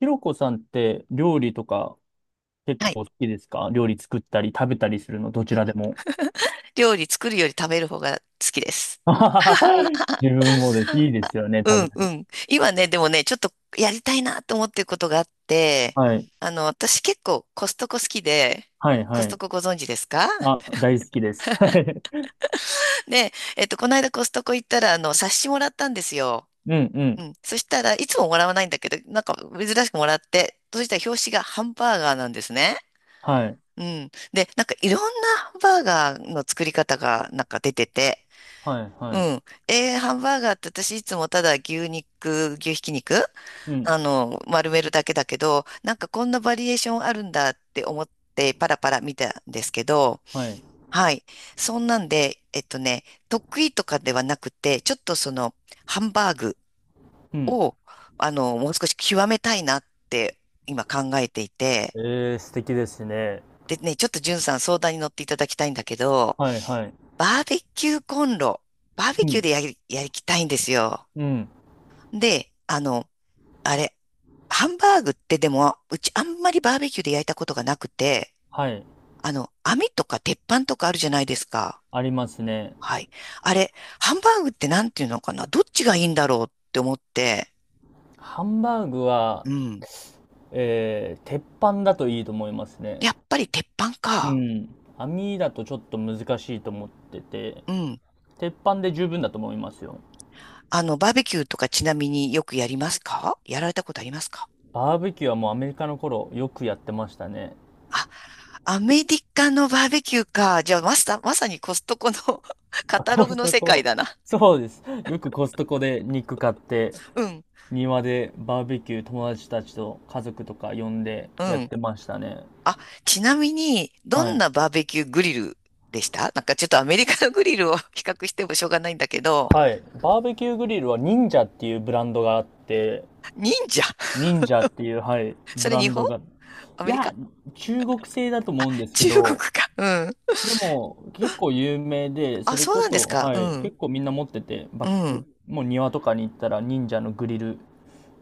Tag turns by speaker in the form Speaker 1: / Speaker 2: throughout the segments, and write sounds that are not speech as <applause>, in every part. Speaker 1: ひろこさんって料理とか結
Speaker 2: はい。
Speaker 1: 構好きですか？料理作ったり食べたりするのどちらでも。
Speaker 2: 料理作るより食べる方が好きです。
Speaker 1: <laughs> あははは
Speaker 2: <laughs>
Speaker 1: 自分もです。いいですよね、
Speaker 2: う
Speaker 1: 食べ
Speaker 2: んう
Speaker 1: る。
Speaker 2: ん。今ね、でもね、ちょっとやりたいなと思ってることがあって、
Speaker 1: はい。
Speaker 2: 私結構コストコ好きで、
Speaker 1: はい、
Speaker 2: コ
Speaker 1: は
Speaker 2: ス
Speaker 1: い。
Speaker 2: トコご存知ですか？
Speaker 1: あ、大好きです。<laughs> はい。
Speaker 2: <laughs> で、この間コストコ行ったら、冊子もらったんですよ。
Speaker 1: うん、う
Speaker 2: う
Speaker 1: ん。
Speaker 2: ん。そしたらいつももらわないんだけど、なんか珍しくもらって、そしたら表紙がハンバーガーなんですね。
Speaker 1: はい。
Speaker 2: うん。で、なんかいろんなハンバーガーの作り方がなんか出てて、
Speaker 1: はい、
Speaker 2: う
Speaker 1: は
Speaker 2: ん。ハンバーガーって私いつもただ牛肉、牛ひき肉、
Speaker 1: い。うん。
Speaker 2: 丸めるだけだけど、なんかこんなバリエーションあるんだって思ってパラパラ見たんですけど、
Speaker 1: はい。
Speaker 2: はい。そんなんで、得意とかではなくて、ちょっとその、ハンバーグ
Speaker 1: うん。
Speaker 2: を、もう少し極めたいなって今考えていて、
Speaker 1: えー、素敵ですね。
Speaker 2: でね、ちょっとんさん相談に乗っていただきたいんだけど、
Speaker 1: はい、はい。
Speaker 2: バーベキューコンロ、バーベ
Speaker 1: う
Speaker 2: キュー
Speaker 1: ん。
Speaker 2: でやりきたいんですよ。
Speaker 1: うん。
Speaker 2: で、あれ、ハンバーグってでも、うちあんまりバーベキューで焼いたことがなくて、
Speaker 1: はい。
Speaker 2: 網とか鉄板とかあるじゃないですか。
Speaker 1: ありますね。
Speaker 2: はい。あれ、ハンバーグってなんていうのかな、どっちがいいんだろうって思って、
Speaker 1: ハンバーグは、
Speaker 2: うん。
Speaker 1: 鉄板だといいと思いますね。
Speaker 2: やっぱり鉄板
Speaker 1: う
Speaker 2: か。
Speaker 1: ん。網だとちょっと難しいと思ってて、
Speaker 2: うん。
Speaker 1: 鉄板で十分だと思いますよ。
Speaker 2: バーベキューとかちなみによくやりますか？やられたことありますか？
Speaker 1: バーベキューはもうアメリカの頃よくやってましたね。
Speaker 2: あ、アメリカのバーベキューか。じゃあ、まさにコストコの <laughs> カ
Speaker 1: あ、
Speaker 2: タ
Speaker 1: コ
Speaker 2: ログ
Speaker 1: ス
Speaker 2: の
Speaker 1: ト
Speaker 2: 世
Speaker 1: コ
Speaker 2: 界
Speaker 1: の。
Speaker 2: だな。
Speaker 1: そうです。よくコストコで肉買って、
Speaker 2: うん。
Speaker 1: 庭でバーベキュー友達たちと家族とか呼んで
Speaker 2: う
Speaker 1: やっ
Speaker 2: ん。
Speaker 1: てましたね。
Speaker 2: あ、ちなみに、ど
Speaker 1: は
Speaker 2: ん
Speaker 1: い。
Speaker 2: なバーベキューグリルでした？なんかちょっとアメリカのグリルを <laughs> 比較してもしょうがないんだけど、
Speaker 1: はい。バーベキューグリルは忍者っていうブランドがあって、
Speaker 2: 忍者？
Speaker 1: 忍者っていう、はい、
Speaker 2: そ
Speaker 1: ブ
Speaker 2: れ
Speaker 1: ラ
Speaker 2: 日
Speaker 1: ン
Speaker 2: 本？
Speaker 1: ドが、い
Speaker 2: アメリ
Speaker 1: や、
Speaker 2: カ？
Speaker 1: 中国製だと思うんですけ
Speaker 2: 中国
Speaker 1: ど、
Speaker 2: か。うん。
Speaker 1: でも、結構有名で、
Speaker 2: あ、
Speaker 1: それ
Speaker 2: そう
Speaker 1: こ
Speaker 2: なんで
Speaker 1: そ、
Speaker 2: すか。う
Speaker 1: はい、
Speaker 2: ん。
Speaker 1: 結構みんな持ってて、
Speaker 2: う
Speaker 1: バック、
Speaker 2: ん。
Speaker 1: もう庭とかに行ったら忍者のグリル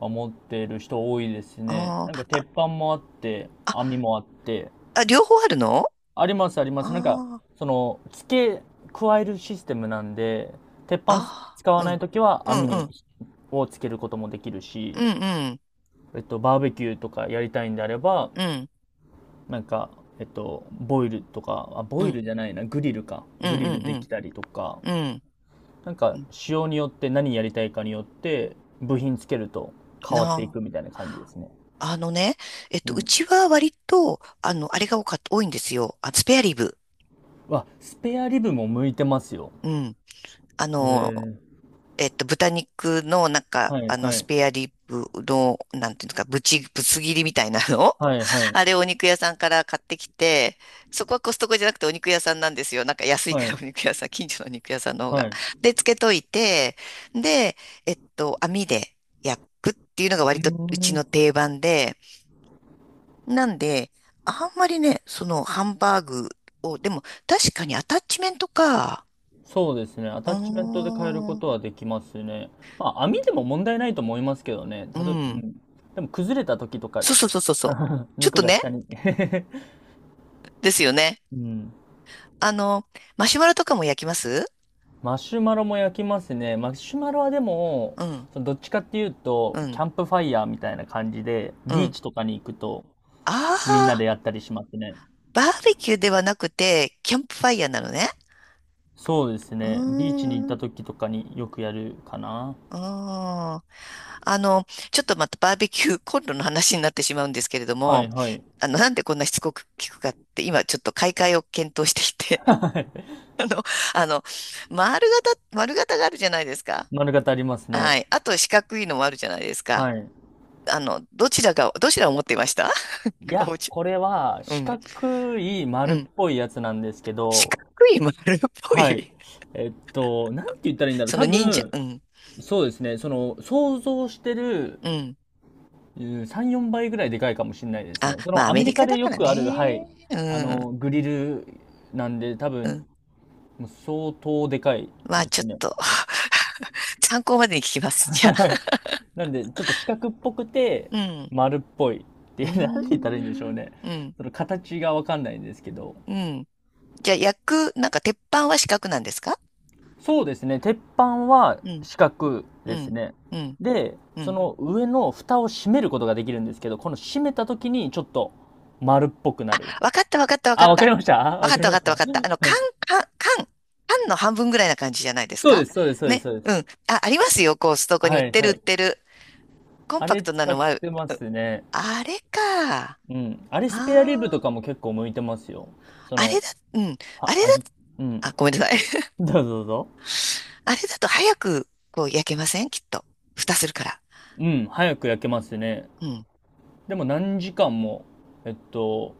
Speaker 1: は持ってる人多いですね。
Speaker 2: あ
Speaker 1: なん
Speaker 2: ー
Speaker 1: か
Speaker 2: あ、
Speaker 1: 鉄板もあって、
Speaker 2: あ、
Speaker 1: 網もあって、
Speaker 2: あ、両方あるの？
Speaker 1: ありますあります。なんか、
Speaker 2: あ
Speaker 1: その、付け加えるシステムなんで、鉄板
Speaker 2: あ、
Speaker 1: 使
Speaker 2: あ
Speaker 1: わ
Speaker 2: ー、う
Speaker 1: ない
Speaker 2: ん。
Speaker 1: ときは網
Speaker 2: うんう
Speaker 1: に、
Speaker 2: ん。
Speaker 1: をつけることもできる
Speaker 2: う
Speaker 1: し、
Speaker 2: んうん。
Speaker 1: バーベキューとかやりたいんであれば、
Speaker 2: う
Speaker 1: なんか、ボイルとか、あ、ボイルじ
Speaker 2: ん。
Speaker 1: ゃないな、グリルか。
Speaker 2: うん
Speaker 1: グリ
Speaker 2: う
Speaker 1: ルで
Speaker 2: ん
Speaker 1: きたりとか、
Speaker 2: うん。
Speaker 1: なん
Speaker 2: う
Speaker 1: か
Speaker 2: ん。
Speaker 1: 仕様によって何やりたいかによって部品つけると変わ
Speaker 2: な
Speaker 1: ってい
Speaker 2: あ。
Speaker 1: くみたいな感じですね。
Speaker 2: あのね、
Speaker 1: う
Speaker 2: う
Speaker 1: ん。
Speaker 2: ちは割と、あの、あれが多かった、多いんですよ。あ、スペアリブ。
Speaker 1: わ、スペアリブも向いてますよ。
Speaker 2: うん。あ
Speaker 1: へ
Speaker 2: の、
Speaker 1: え。
Speaker 2: 豚肉の、なんか、
Speaker 1: はい
Speaker 2: あの、
Speaker 1: は
Speaker 2: ス
Speaker 1: い。
Speaker 2: ペアリブの、なんていうんですか、ぶつ切りみたいなの
Speaker 1: はいは
Speaker 2: <laughs> あ
Speaker 1: い
Speaker 2: れ、お肉屋さんから買ってきて、そこはコストコじゃなくてお肉屋さんなんですよ。なんか安い
Speaker 1: は
Speaker 2: から
Speaker 1: い
Speaker 2: お肉屋さん、近所のお肉屋さんの方が。
Speaker 1: はい。
Speaker 2: で、つけといて、で、網で焼くっていうのが
Speaker 1: う
Speaker 2: 割
Speaker 1: ー
Speaker 2: とうちの
Speaker 1: ん。
Speaker 2: 定番で、なんで、あんまりね、そのハンバーグを、でも確かにアタッチメントか、
Speaker 1: そうですね。ア
Speaker 2: うー
Speaker 1: タッチメントで変えるこ
Speaker 2: ん、
Speaker 1: とはできますね。まあ、網でも問題ないと思いますけどね。
Speaker 2: う
Speaker 1: う
Speaker 2: ん。
Speaker 1: ん。でも崩れた時とか、
Speaker 2: そうそうそうそうそう。
Speaker 1: <laughs>
Speaker 2: ちょっ
Speaker 1: 肉
Speaker 2: と
Speaker 1: が
Speaker 2: ね、
Speaker 1: 下に <laughs>
Speaker 2: ですよね。
Speaker 1: うん。
Speaker 2: あの、マシュマロとかも焼きます？
Speaker 1: マシュマロも焼きますね。マシュマロはでも、
Speaker 2: うん、
Speaker 1: どっちかっていうと、
Speaker 2: う
Speaker 1: キ
Speaker 2: ん、
Speaker 1: ャンプファイヤーみたいな感じで、
Speaker 2: う
Speaker 1: ビー
Speaker 2: ん。
Speaker 1: チとかに行くと、
Speaker 2: あ
Speaker 1: みんなで
Speaker 2: あ、
Speaker 1: やったりしますね。
Speaker 2: バーベキューではなくて、キャンプファイヤーなのね。
Speaker 1: そうです
Speaker 2: うー
Speaker 1: ね。ビーチに行っ
Speaker 2: ん、
Speaker 1: た
Speaker 2: う
Speaker 1: 時とかによくやるかな。
Speaker 2: ーん。あの、ちょっとまたバーベキューコンロの話になってしまうんですけれど
Speaker 1: は
Speaker 2: も、
Speaker 1: いはい。
Speaker 2: なんでこんなしつこく聞くかって、今ちょっと買い替えを検討していて、
Speaker 1: <laughs> はい
Speaker 2: <laughs> あの、あの、丸型があるじゃないですか。
Speaker 1: 丸型あります
Speaker 2: は
Speaker 1: ね。
Speaker 2: い。あと四角いのもあるじゃないですか。
Speaker 1: はい。
Speaker 2: どちらを持っていました？
Speaker 1: いや、
Speaker 2: おじ、
Speaker 1: これは
Speaker 2: う
Speaker 1: 四
Speaker 2: ん、
Speaker 1: 角い
Speaker 2: う
Speaker 1: 丸っ
Speaker 2: ん。
Speaker 1: ぽいやつなんですけ
Speaker 2: 四
Speaker 1: ど、
Speaker 2: 角い丸っぽい。
Speaker 1: はい。なんて言ったらいいん
Speaker 2: <laughs>
Speaker 1: だろう。
Speaker 2: その
Speaker 1: 多
Speaker 2: 忍者、
Speaker 1: 分、
Speaker 2: うん、
Speaker 1: そうですね。その、想像してる
Speaker 2: うん。
Speaker 1: 3、4倍ぐらいでかいかもしれないです
Speaker 2: あ、
Speaker 1: ね。そ
Speaker 2: まあ
Speaker 1: の
Speaker 2: ア
Speaker 1: アメ
Speaker 2: メリ
Speaker 1: リカ
Speaker 2: カ
Speaker 1: で
Speaker 2: だ
Speaker 1: よ
Speaker 2: から
Speaker 1: くある、は
Speaker 2: ね。
Speaker 1: い、
Speaker 2: うん、
Speaker 1: グリルなんで、多
Speaker 2: う
Speaker 1: 分、
Speaker 2: ん。
Speaker 1: もう相当でかい
Speaker 2: まあ
Speaker 1: で
Speaker 2: ちょ
Speaker 1: す
Speaker 2: っ
Speaker 1: ね。<laughs>
Speaker 2: と <laughs> 参考までに聞きます。じゃ
Speaker 1: はい
Speaker 2: あ。
Speaker 1: なんで、ちょっと四角っぽくて、
Speaker 2: うん、
Speaker 1: 丸っぽいって
Speaker 2: う
Speaker 1: いう、<laughs> なんて言ったらいいんでしょ
Speaker 2: ー
Speaker 1: う
Speaker 2: ん、
Speaker 1: ね。
Speaker 2: うん、
Speaker 1: その形がわかんないんですけど。
Speaker 2: うん。じゃあ焼く、なんか鉄板は四角なんですか？
Speaker 1: そうですね、鉄板は
Speaker 2: うん、
Speaker 1: 四角
Speaker 2: う
Speaker 1: です
Speaker 2: ん、
Speaker 1: ね。
Speaker 2: うん、
Speaker 1: で、
Speaker 2: う
Speaker 1: そ
Speaker 2: ん。
Speaker 1: の上の蓋を閉めることができるんですけど、この閉めた時にちょっと丸っぽくなる。
Speaker 2: わかったわかったわか
Speaker 1: あ、
Speaker 2: っ
Speaker 1: わかり
Speaker 2: た。
Speaker 1: ましたあ
Speaker 2: わ
Speaker 1: わ
Speaker 2: かっ
Speaker 1: かり
Speaker 2: たわ
Speaker 1: ま
Speaker 2: かっ
Speaker 1: し
Speaker 2: たわ
Speaker 1: た。
Speaker 2: かっ
Speaker 1: <laughs>
Speaker 2: た。あの、缶、缶、缶の半分ぐらいな感じじゃないです
Speaker 1: そう
Speaker 2: か？
Speaker 1: です、そうです、そうです、
Speaker 2: ね。
Speaker 1: そうで
Speaker 2: う
Speaker 1: す。
Speaker 2: ん。あ、ありますよ。こう、ストコに売
Speaker 1: は
Speaker 2: っ
Speaker 1: い、
Speaker 2: てる
Speaker 1: は
Speaker 2: 売っ
Speaker 1: い。
Speaker 2: てる。コン
Speaker 1: あ
Speaker 2: パク
Speaker 1: れ
Speaker 2: トな
Speaker 1: 使っ
Speaker 2: のは、う
Speaker 1: てますね。
Speaker 2: あれか。あ
Speaker 1: うん。あれスペアリブ
Speaker 2: あ、
Speaker 1: とかも結構向いてますよ。そ
Speaker 2: あれ
Speaker 1: の、
Speaker 2: だ、うん。あ
Speaker 1: あ
Speaker 2: れだ、
Speaker 1: 味、うん。
Speaker 2: あ、ごめんなさい。<laughs>
Speaker 1: <laughs> どうぞどうぞ。
Speaker 2: あれだと早く、こう、焼けませんきっと。蓋するから。
Speaker 1: うん、早く焼けますね。
Speaker 2: うん、
Speaker 1: でも何時間も、えっと、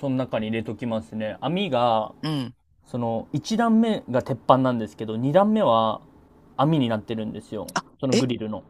Speaker 1: その中に入れときますね。網が、
Speaker 2: うん。
Speaker 1: その、1段目が鉄板なんですけど、2段目は網になってるんですよ。
Speaker 2: あ、
Speaker 1: その
Speaker 2: え、
Speaker 1: グリルの。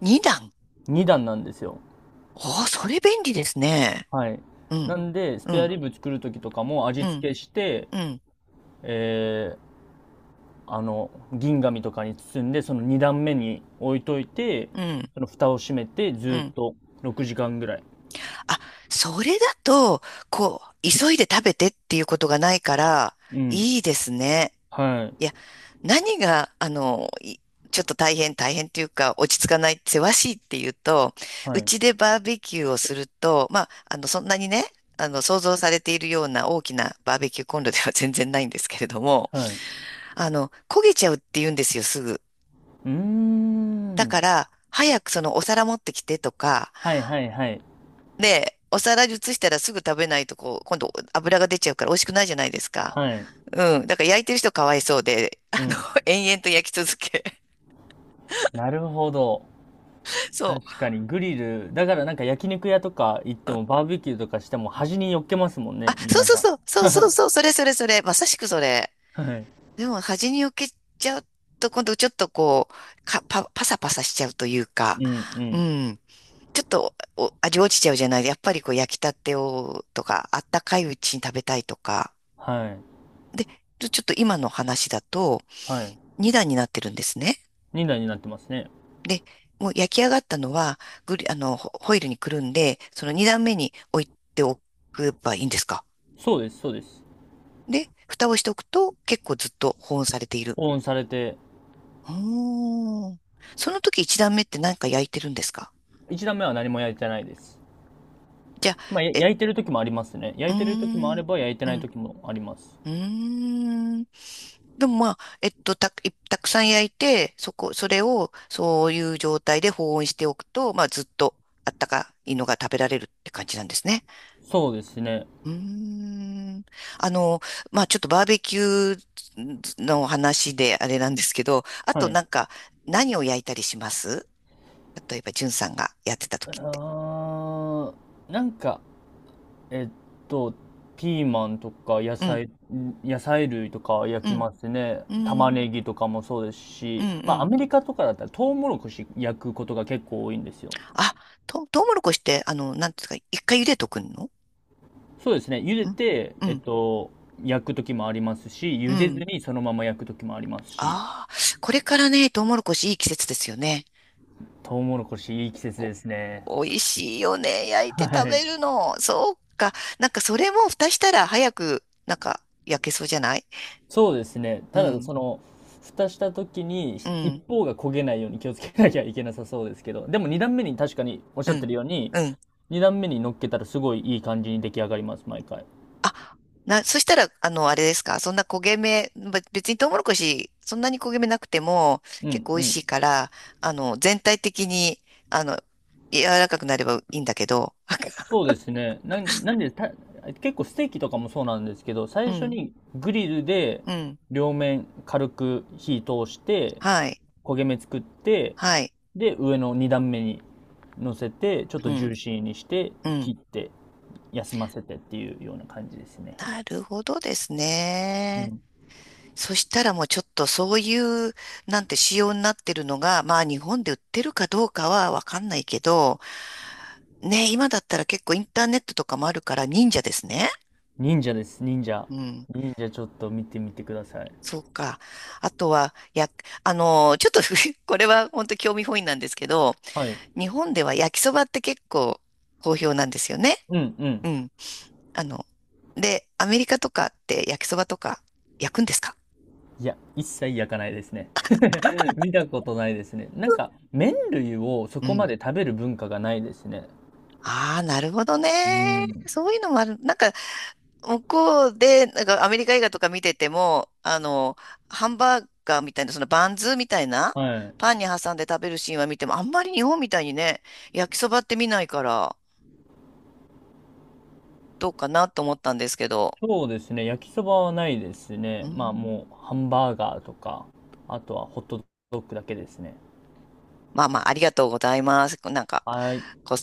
Speaker 2: 二段。
Speaker 1: 2段なんですよ。
Speaker 2: おー、それ便利ですね。
Speaker 1: はい。
Speaker 2: う
Speaker 1: な
Speaker 2: ん、
Speaker 1: んで、ス
Speaker 2: う
Speaker 1: ペア
Speaker 2: ん、
Speaker 1: リブ作る時とかも
Speaker 2: う
Speaker 1: 味
Speaker 2: ん、
Speaker 1: 付けして、
Speaker 2: うん、
Speaker 1: えあの銀紙とかに包んでその2段目に置いといて
Speaker 2: うん、
Speaker 1: その蓋を閉めてず
Speaker 2: う
Speaker 1: ーっ
Speaker 2: ん。
Speaker 1: と6時間ぐらい。
Speaker 2: あ、それだと、こう、急いで食べてっていうことがないから、
Speaker 1: う
Speaker 2: いい
Speaker 1: ん
Speaker 2: ですね。
Speaker 1: はい
Speaker 2: いや、何が、あの、いちょっと大変っていうか、落ち着かない、せわしいっていうと、
Speaker 1: は
Speaker 2: う
Speaker 1: い
Speaker 2: ちでバーベキューをすると、まあ、あの、そんなにね、想像されているような大きなバーベキューコンロでは全然ないんですけれども、
Speaker 1: はい。う
Speaker 2: 焦げちゃうって言うんですよ、すぐ。
Speaker 1: ー
Speaker 2: だか
Speaker 1: ん。
Speaker 2: ら、早くそのお皿持ってきてとか、
Speaker 1: はいはいはい。
Speaker 2: で、お皿に移したらすぐ食べないと、こう、今度油が出ちゃうから美味しくないじゃないですか。
Speaker 1: はい。
Speaker 2: うん。だから焼いてる人かわいそうで、あ
Speaker 1: う
Speaker 2: の、
Speaker 1: ん。
Speaker 2: <laughs> 延々と焼き続け。
Speaker 1: なるほど。
Speaker 2: <laughs> そう。
Speaker 1: 確かにグリル、だからなんか焼肉屋とか行ってもバーベキューとかしても端に寄っけますもん
Speaker 2: あ、
Speaker 1: ね、みん
Speaker 2: そう
Speaker 1: な
Speaker 2: そう
Speaker 1: が。
Speaker 2: そう、そうそう
Speaker 1: <laughs>
Speaker 2: そう、それそれそれ、まさしくそれ。
Speaker 1: はい。
Speaker 2: でも端に置けちゃうと、今度ちょっとこう、パサパサしちゃうという
Speaker 1: う
Speaker 2: か、
Speaker 1: んう
Speaker 2: う
Speaker 1: ん。
Speaker 2: ん。ちょっとお味落ちちゃうじゃない。やっぱりこう焼きたてをとか、あったかいうちに食べたいとか。
Speaker 1: はい。
Speaker 2: で、ちょちょっと今の話だと、
Speaker 1: はい。
Speaker 2: 2段になってるんですね。
Speaker 1: 2台になってますね。
Speaker 2: で、もう焼き上がったのは、グリ、あの、ホホイルにくるんで、その2段目に置いておけばいいんですか？
Speaker 1: そうです、そうです。
Speaker 2: で、蓋をしておくと結構ずっと保温されている。
Speaker 1: 保温されて。
Speaker 2: おー。その時一段目って何か焼いてるんですか？
Speaker 1: 一段目は何も焼いてないです。
Speaker 2: じゃあ、
Speaker 1: まあ、
Speaker 2: え、
Speaker 1: 焼いてる時もありますね。
Speaker 2: う
Speaker 1: 焼
Speaker 2: ー
Speaker 1: いてる時もあれ
Speaker 2: ん、
Speaker 1: ば、焼いて
Speaker 2: う
Speaker 1: ない
Speaker 2: ん、
Speaker 1: 時もあります。
Speaker 2: うーん。でもまあ、たくさん焼いて、それを、そういう状態で保温しておくと、まあ、ずっとあったかいのが食べられるって感じなんですね。
Speaker 1: そうですね。
Speaker 2: うーん。あの、まあ、ちょっとバーベキューの話であれなんですけど、あ
Speaker 1: は
Speaker 2: と
Speaker 1: い。
Speaker 2: なんか、何を焼いたりします？例えば、じゅんさんがやってた時って。
Speaker 1: あー、なんか、えっと、ピーマンとか
Speaker 2: うん。
Speaker 1: 野菜類とか焼
Speaker 2: う
Speaker 1: き
Speaker 2: ん
Speaker 1: ますね。
Speaker 2: うん、う
Speaker 1: 玉
Speaker 2: ん、
Speaker 1: ねぎとかもそうです
Speaker 2: う
Speaker 1: し、まあ、ア
Speaker 2: ん。
Speaker 1: メリカとかだったら、トウモロコシ焼くことが結構多いんですよ。
Speaker 2: あ、トウモロコシって、あの、なんですか、一回茹でとくの？
Speaker 1: そうですね。茹
Speaker 2: う
Speaker 1: で
Speaker 2: ん、
Speaker 1: て、
Speaker 2: うん、
Speaker 1: 焼く時もありますし、
Speaker 2: う
Speaker 1: 茹でず
Speaker 2: ん。
Speaker 1: にそのまま焼く時もありますし、
Speaker 2: ああ、これからね、トウモロコシいい季節ですよね。
Speaker 1: トウモロコシいい季節
Speaker 2: お、
Speaker 1: ですね。
Speaker 2: 美味しいよね。焼い
Speaker 1: は
Speaker 2: て食
Speaker 1: い。
Speaker 2: べるの。そうか。なんかそれも蓋したら早く、なんか焼けそうじゃない？
Speaker 1: そうですね。
Speaker 2: う
Speaker 1: ただ、
Speaker 2: ん、
Speaker 1: その、蓋した時に、
Speaker 2: うん、
Speaker 1: 一方が焦げないように気をつけなきゃいけなさそうですけど、でも二段目に確かにおっし
Speaker 2: う
Speaker 1: ゃって
Speaker 2: ん、
Speaker 1: るように、
Speaker 2: うん。
Speaker 1: 二段目に乗っけたらすごいいい感じに出来上がります、毎回。
Speaker 2: あ、な、そしたら、あの、あれですか、そんな焦げ目、べ別にトウモロコシ、そんなに焦げ目なくても、
Speaker 1: う
Speaker 2: 結
Speaker 1: ん
Speaker 2: 構美味
Speaker 1: う
Speaker 2: し
Speaker 1: ん。
Speaker 2: いから、全体的に、あの、柔らかくなればいいんだけど、
Speaker 1: そうですね。なん、なんでた、結構ステーキとかもそうなんですけど、
Speaker 2: う
Speaker 1: 最初
Speaker 2: ん、
Speaker 1: にグリルで
Speaker 2: うん、
Speaker 1: 両面軽く火通して、
Speaker 2: はい、
Speaker 1: 焦げ目作って、
Speaker 2: はい、
Speaker 1: で、上の2段目に乗せて、ちょっと
Speaker 2: う
Speaker 1: ジュー
Speaker 2: ん、
Speaker 1: シーにして、
Speaker 2: うん。
Speaker 1: 切って、休ませてっていうような感じですね。
Speaker 2: なるほどです
Speaker 1: う
Speaker 2: ね。
Speaker 1: ん。
Speaker 2: そしたらもうちょっとそういう、なんて仕様になってるのが、まあ日本で売ってるかどうかはわかんないけど、ね、今だったら結構インターネットとかもあるから忍者ですね。
Speaker 1: 忍者です、忍者。
Speaker 2: うん。
Speaker 1: 忍者ちょっと見てみてください。
Speaker 2: そうか。あとは、や、あのーちょっと <laughs> これは本当興味本位なんですけど、
Speaker 1: はい。
Speaker 2: 日本では焼きそばって結構好評なんですよね。
Speaker 1: うんうん。
Speaker 2: うん。あの、で、アメリカとかって焼きそばとか焼くんですか？
Speaker 1: いや、一切焼かないですね。<laughs> 見たことないですね。なんか、麺類をそ
Speaker 2: う
Speaker 1: こま
Speaker 2: ん。
Speaker 1: で食べる文化がないですね。
Speaker 2: ああ、なるほど
Speaker 1: う
Speaker 2: ね。
Speaker 1: ん。
Speaker 2: そういうのもある。なんか、向こうで、なんかアメリカ映画とか見てても、ハンバーガーみたいな、そのバンズみたいな、
Speaker 1: はい。
Speaker 2: パンに挟んで食べるシーンは見ても、あんまり日本みたいにね、焼きそばって見ないから。どうかなと思ったんですけど、
Speaker 1: そうですね。焼きそばはないです
Speaker 2: う
Speaker 1: ね。
Speaker 2: ー
Speaker 1: まあ
Speaker 2: ん、
Speaker 1: もうハンバーガーとか、あとはホットドッグだけですね。
Speaker 2: まあまあ、ありがとうございます。なんか、
Speaker 1: はい。
Speaker 2: こう